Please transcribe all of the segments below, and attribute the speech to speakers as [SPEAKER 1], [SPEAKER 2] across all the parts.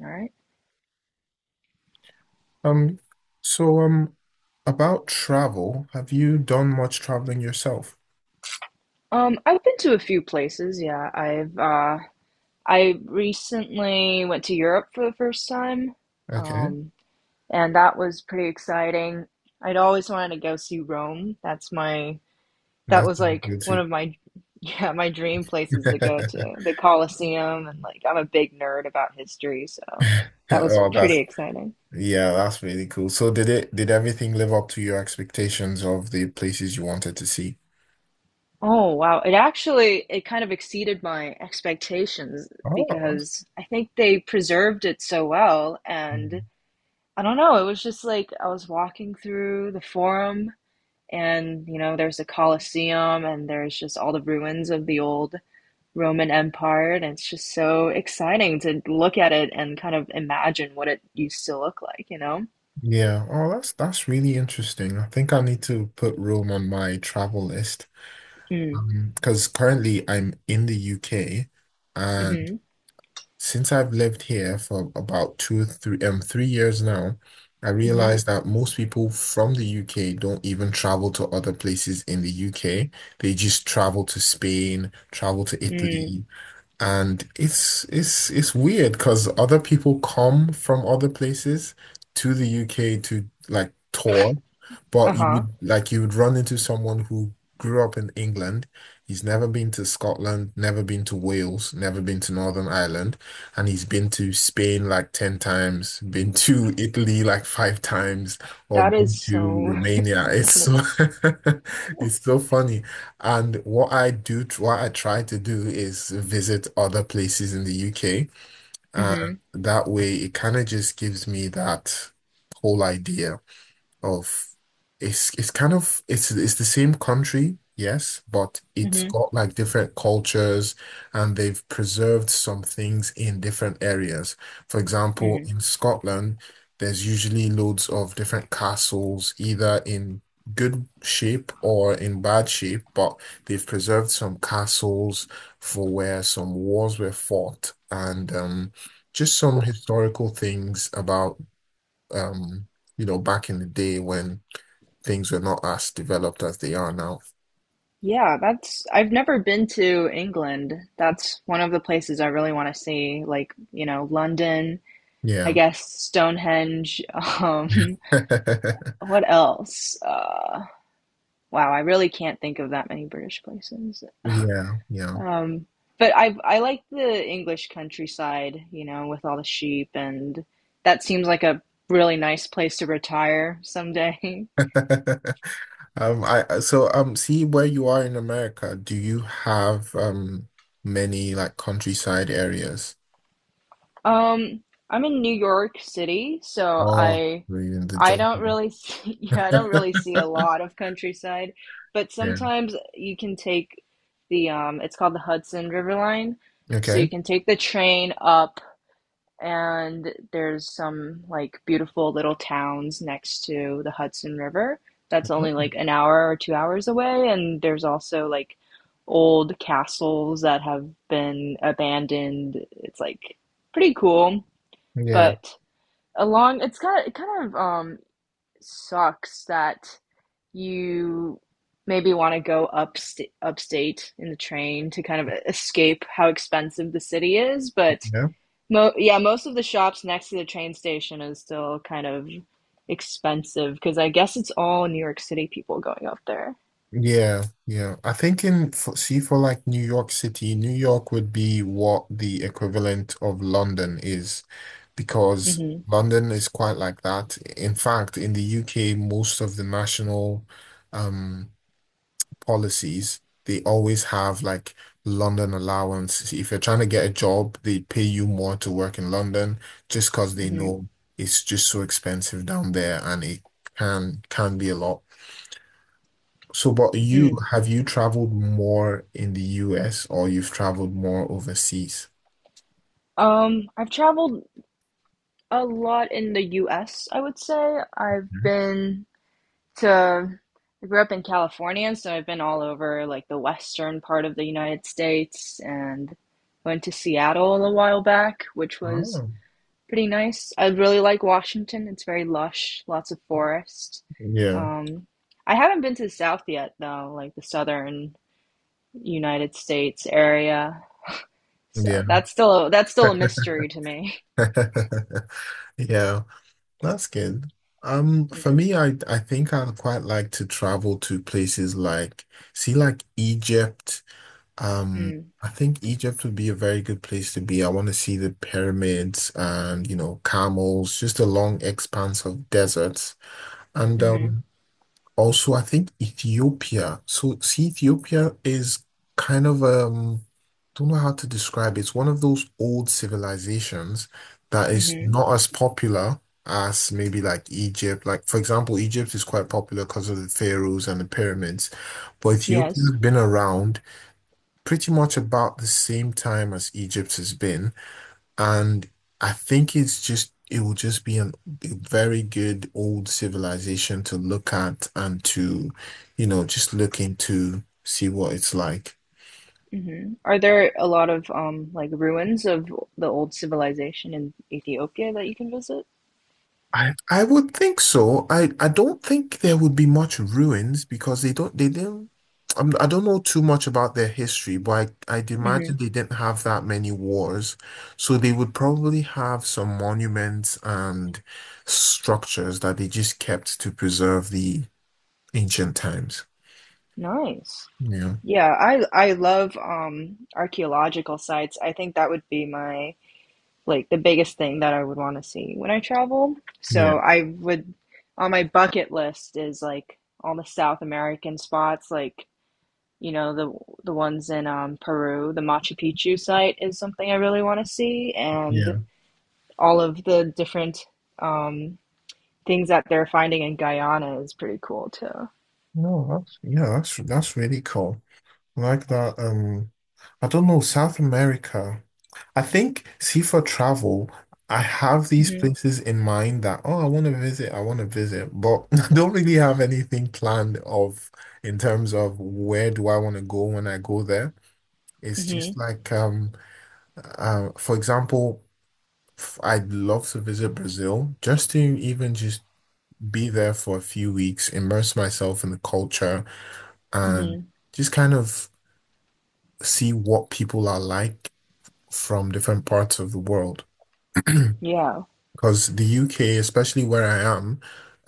[SPEAKER 1] All right.
[SPEAKER 2] Um, so um, about travel, have you done much traveling yourself?
[SPEAKER 1] I've been to a few places. Yeah, I recently went to Europe for the first time,
[SPEAKER 2] Okay,
[SPEAKER 1] um, and that was pretty exciting. I'd always wanted to go see Rome. That
[SPEAKER 2] that's
[SPEAKER 1] was
[SPEAKER 2] really
[SPEAKER 1] like
[SPEAKER 2] good
[SPEAKER 1] one
[SPEAKER 2] too.
[SPEAKER 1] of my yeah my dream places to go to the Colosseum, and like I'm a big nerd about history, so that was
[SPEAKER 2] Oh,
[SPEAKER 1] pretty
[SPEAKER 2] that's
[SPEAKER 1] exciting.
[SPEAKER 2] Yeah, that's really cool. So did everything live up to your expectations of the places you wanted to see?
[SPEAKER 1] Oh wow. It kind of exceeded my expectations
[SPEAKER 2] Oh, that's-
[SPEAKER 1] because I think they preserved it so well, and
[SPEAKER 2] Mm.
[SPEAKER 1] I don't know, it was just like I was walking through the forum, and there's the Colosseum and there's just all the ruins of the old Roman Empire, and it's just so exciting to look at it and kind of imagine what it used to look like, you know?
[SPEAKER 2] Yeah. Oh, that's really interesting. I think I need to put Rome on my travel list.
[SPEAKER 1] Mm.
[SPEAKER 2] Because currently I'm in the UK
[SPEAKER 1] Mm-hmm.
[SPEAKER 2] since I've lived here for about 3 years now, I
[SPEAKER 1] Mm-hmm.
[SPEAKER 2] realized that most people from the UK don't even travel to other places in the UK. They just travel to Spain, travel to, mhm,
[SPEAKER 1] Mm.
[SPEAKER 2] Italy, and it's weird because other people come from other places to the UK to like tour, but you
[SPEAKER 1] Uh-huh.
[SPEAKER 2] would like you would run into someone who grew up in England. He's never been to Scotland, never been to Wales, never been to Northern Ireland, and he's been to Spain like 10 times, been to Italy like 5 times, or
[SPEAKER 1] That
[SPEAKER 2] been
[SPEAKER 1] is
[SPEAKER 2] to
[SPEAKER 1] so
[SPEAKER 2] Romania. It's so
[SPEAKER 1] funny.
[SPEAKER 2] it's so funny. And what I try to do is visit other places in the UK. And
[SPEAKER 1] Mm-hmm.
[SPEAKER 2] that way, it kind of just gives me that whole idea of it's kind of it's the same country, yes, but it's
[SPEAKER 1] Mm-hmm.
[SPEAKER 2] got like different cultures, and they've preserved some things in different areas. For example, in Scotland, there's usually loads of different castles, either in good shape or in bad shape, but they've preserved some castles for where some wars were fought, and just some historical things about um, back in the day when things were not as developed as they are now.
[SPEAKER 1] Yeah, that's I've never been to England. That's one of the places I really want to see, like, London. I
[SPEAKER 2] Yeah.
[SPEAKER 1] guess Stonehenge, um what else? Wow, I really can't think of that many British places.
[SPEAKER 2] Yeah, yeah.
[SPEAKER 1] Um but I like the English countryside, you know, with all the sheep, and that seems like a really nice place to retire someday.
[SPEAKER 2] See where you are in America. Do you have many like countryside areas?
[SPEAKER 1] Um, I'm in New York City, so
[SPEAKER 2] Oh,
[SPEAKER 1] I
[SPEAKER 2] you're in the
[SPEAKER 1] I
[SPEAKER 2] jungle.
[SPEAKER 1] don't really see, yeah, I don't really see a lot of countryside, but
[SPEAKER 2] Yeah.
[SPEAKER 1] sometimes you can take the it's called the Hudson River Line, so you
[SPEAKER 2] Okay.
[SPEAKER 1] can take the train up, and there's some like beautiful little towns next to the Hudson River. That's only like an hour or 2 hours away, and there's also like old castles that have been abandoned. It's like pretty cool,
[SPEAKER 2] Yeah.
[SPEAKER 1] but along it's kind of sucks that you maybe want to go upstate in the train to kind of escape how expensive the city is, but
[SPEAKER 2] Yeah.
[SPEAKER 1] mo yeah, most of the shops next to the train station is still kind of expensive because I guess it's all New York City people going up there.
[SPEAKER 2] Yeah, yeah. I think see for like New York City, New York would be what the equivalent of London is, because
[SPEAKER 1] Hmm.
[SPEAKER 2] London is quite like that. In fact, in the UK, most of the national um policies, they always have like London allowance. If you're trying to get a job, they pay you more to work in London just because they
[SPEAKER 1] Hmm.
[SPEAKER 2] know it's just so expensive down there, and it can be a lot. So, but
[SPEAKER 1] Mm.
[SPEAKER 2] you traveled more in the US or you've traveled more overseas?
[SPEAKER 1] I've traveled a lot in the US. I would say I've
[SPEAKER 2] Mhm.
[SPEAKER 1] been to I grew up in California, so I've been all over like the western part of the United States, and went to Seattle a while back, which was
[SPEAKER 2] Oh.
[SPEAKER 1] pretty nice. I really like Washington. It's very lush, lots of forest.
[SPEAKER 2] Yeah,
[SPEAKER 1] Um, I haven't been to the South yet though, like the southern United States area.
[SPEAKER 2] yeah,
[SPEAKER 1] So that's still a mystery to me.
[SPEAKER 2] yeah. That's good. For me, I think I'd quite like to travel to places like Egypt. Um,
[SPEAKER 1] Hmm.
[SPEAKER 2] I think Egypt would be a very good place to be. I want to see the pyramids and, you know, camels, just a long expanse of deserts. And
[SPEAKER 1] Hmm.
[SPEAKER 2] I think Ethiopia. So, see, Ethiopia is kind of, don't know how to describe it. It's one of those old civilizations that is
[SPEAKER 1] Hmm.
[SPEAKER 2] not as popular as maybe like Egypt. Like, for example, Egypt is quite popular because of the pharaohs and the pyramids, but
[SPEAKER 1] Yes.
[SPEAKER 2] Ethiopia's been around pretty much about the same time as Egypt has been. And I think it will just be a very good old civilization to look at and to, you know, just look into, see what it's like.
[SPEAKER 1] Hmm. Are there a lot of like ruins of the old civilization in Ethiopia that you can visit?
[SPEAKER 2] I would think so. I don't think there would be much ruins because they don't, they didn't, I'm, I don't know too much about their history, but I'd imagine
[SPEAKER 1] Hmm.
[SPEAKER 2] they didn't have that many wars. So they would probably have some monuments and structures that they just kept to preserve the ancient times.
[SPEAKER 1] Nice.
[SPEAKER 2] Yeah,
[SPEAKER 1] Yeah, I love archaeological sites. I think that would be my like the biggest thing that I would want to see when I travel.
[SPEAKER 2] yeah,
[SPEAKER 1] So I would on my bucket list is like all the South American spots, like you know the the ones in Peru. The Machu Picchu site is something I really want to see,
[SPEAKER 2] yeah.
[SPEAKER 1] and all of the different um, things that they're finding in Guyana is pretty cool too.
[SPEAKER 2] No, that's yeah, that's really cool. I like that. I don't know, South America. I think, see, for travel, I have these
[SPEAKER 1] Hmm.
[SPEAKER 2] places in mind that, oh, I want to visit, but I don't really have anything planned of in terms of where do I want to go when I go there. It's
[SPEAKER 1] Hmm.
[SPEAKER 2] just like, for example, I'd love to visit Brazil just to even just be there for a few weeks, immerse myself in the culture, and
[SPEAKER 1] Hmm.
[SPEAKER 2] just kind of see what people are like from different parts of the world.
[SPEAKER 1] Yeah.
[SPEAKER 2] Because the UK, especially where I am,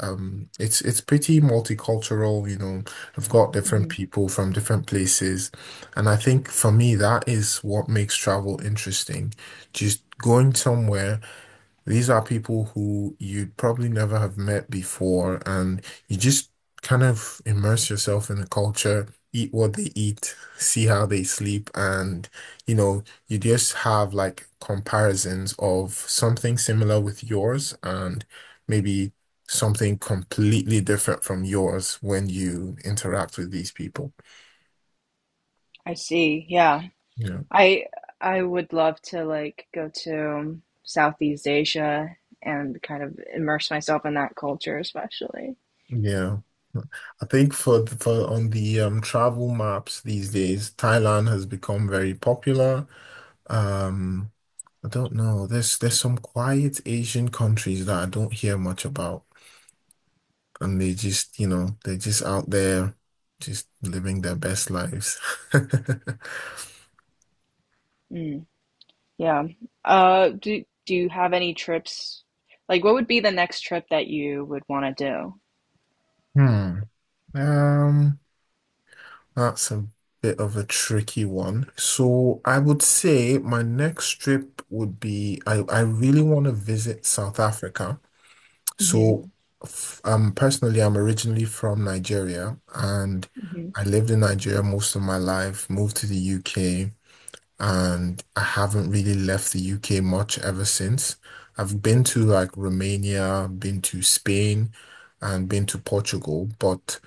[SPEAKER 2] it's pretty multicultural, you know. I've got different
[SPEAKER 1] Hmm.
[SPEAKER 2] people from different places, and I think for me that is what makes travel interesting. Just going somewhere. These are people who you'd probably never have met before, and you just kind of immerse yourself in the culture, eat what they eat, see how they sleep, and, you know, you just have like comparisons of something similar with yours and maybe something completely different from yours when you interact with these people.
[SPEAKER 1] I see. Yeah.
[SPEAKER 2] Yeah.
[SPEAKER 1] I I would love to like go to Southeast Asia and kind of immerse myself in that culture, especially.
[SPEAKER 2] Yeah. I think for on the travel maps these days, Thailand has become very popular. Um, I don't know. There's some quiet Asian countries that I don't hear much about, and they just, you know, they're just out there, just living their best lives.
[SPEAKER 1] Mm. Yeah. Do you have any trips? Like, what would be the next trip that you would want to do?
[SPEAKER 2] Hmm. Um, that's a bit of a tricky one. So I would say my next trip would be, I really want to visit South Africa.
[SPEAKER 1] Hmm.
[SPEAKER 2] So, personally, I'm originally from Nigeria, and
[SPEAKER 1] Hmm.
[SPEAKER 2] I lived in Nigeria most of my life, moved to the UK, and I haven't really left the UK much ever since. I've been to like Romania, been to Spain, and been to Portugal, but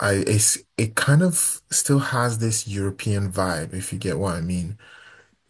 [SPEAKER 2] it kind of still has this European vibe, if you get what I mean.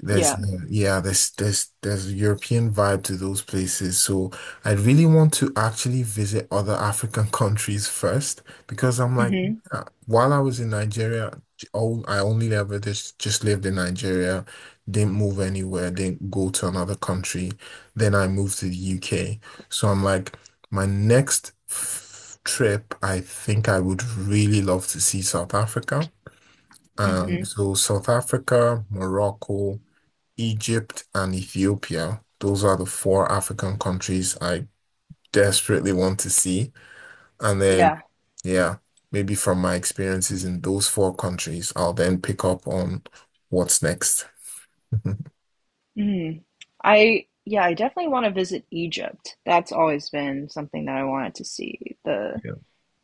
[SPEAKER 2] There's,
[SPEAKER 1] Yeah.
[SPEAKER 2] yeah, there's a European vibe to those places. So I really want to actually visit other African countries first, because I'm like,
[SPEAKER 1] Hmm.
[SPEAKER 2] while I was in Nigeria, all I only ever just lived in Nigeria, didn't move anywhere, didn't go to another country. Then I moved to the UK. So I'm like, my next trip, I think I would really love to see South Africa.
[SPEAKER 1] Hmm.
[SPEAKER 2] So South Africa, Morocco, Egypt and Ethiopia. Those are the four African countries I desperately want to see. And then,
[SPEAKER 1] Yeah.
[SPEAKER 2] yeah, maybe from my experiences in those four countries, I'll then pick up on what's next.
[SPEAKER 1] Mm. I yeah, I definitely want to visit Egypt. That's always been something that I wanted to see. The
[SPEAKER 2] Yeah.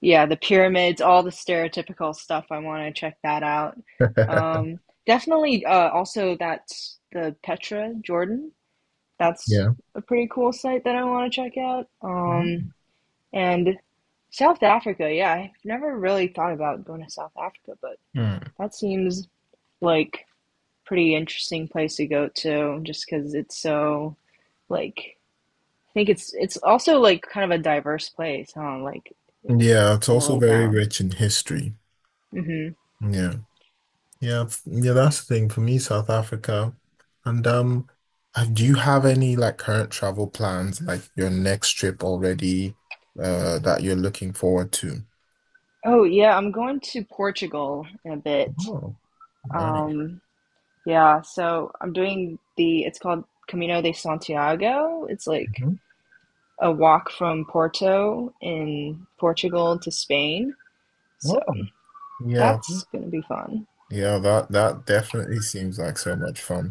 [SPEAKER 1] yeah, the pyramids, all the stereotypical stuff. I want to check that out. Um, definitely also that's the Petra, Jordan. That's
[SPEAKER 2] Yeah.
[SPEAKER 1] a pretty cool site that I want to check out. And South Africa, yeah, I've never really thought about going to South Africa, but
[SPEAKER 2] Mm.
[SPEAKER 1] that seems like pretty interesting place to go to just because it's so like, I think it's also like kind of a diverse place, huh? Like
[SPEAKER 2] Yeah, it's
[SPEAKER 1] all the
[SPEAKER 2] also
[SPEAKER 1] way
[SPEAKER 2] very
[SPEAKER 1] down.
[SPEAKER 2] rich in history.
[SPEAKER 1] Hmm.
[SPEAKER 2] Yeah. Yeah, that's the thing for me, South Africa. And do you have any like current travel plans, like your next trip already, that you're looking forward to?
[SPEAKER 1] Oh yeah, I'm going to Portugal in a bit.
[SPEAKER 2] Oh, right.
[SPEAKER 1] Um, yeah, so I'm doing the it's called Camino de Santiago. It's like
[SPEAKER 2] Mhm.
[SPEAKER 1] a walk from Porto in Portugal to Spain. So
[SPEAKER 2] Oh. Yeah,
[SPEAKER 1] that's gonna be fun.
[SPEAKER 2] yeah, that definitely seems like so much fun.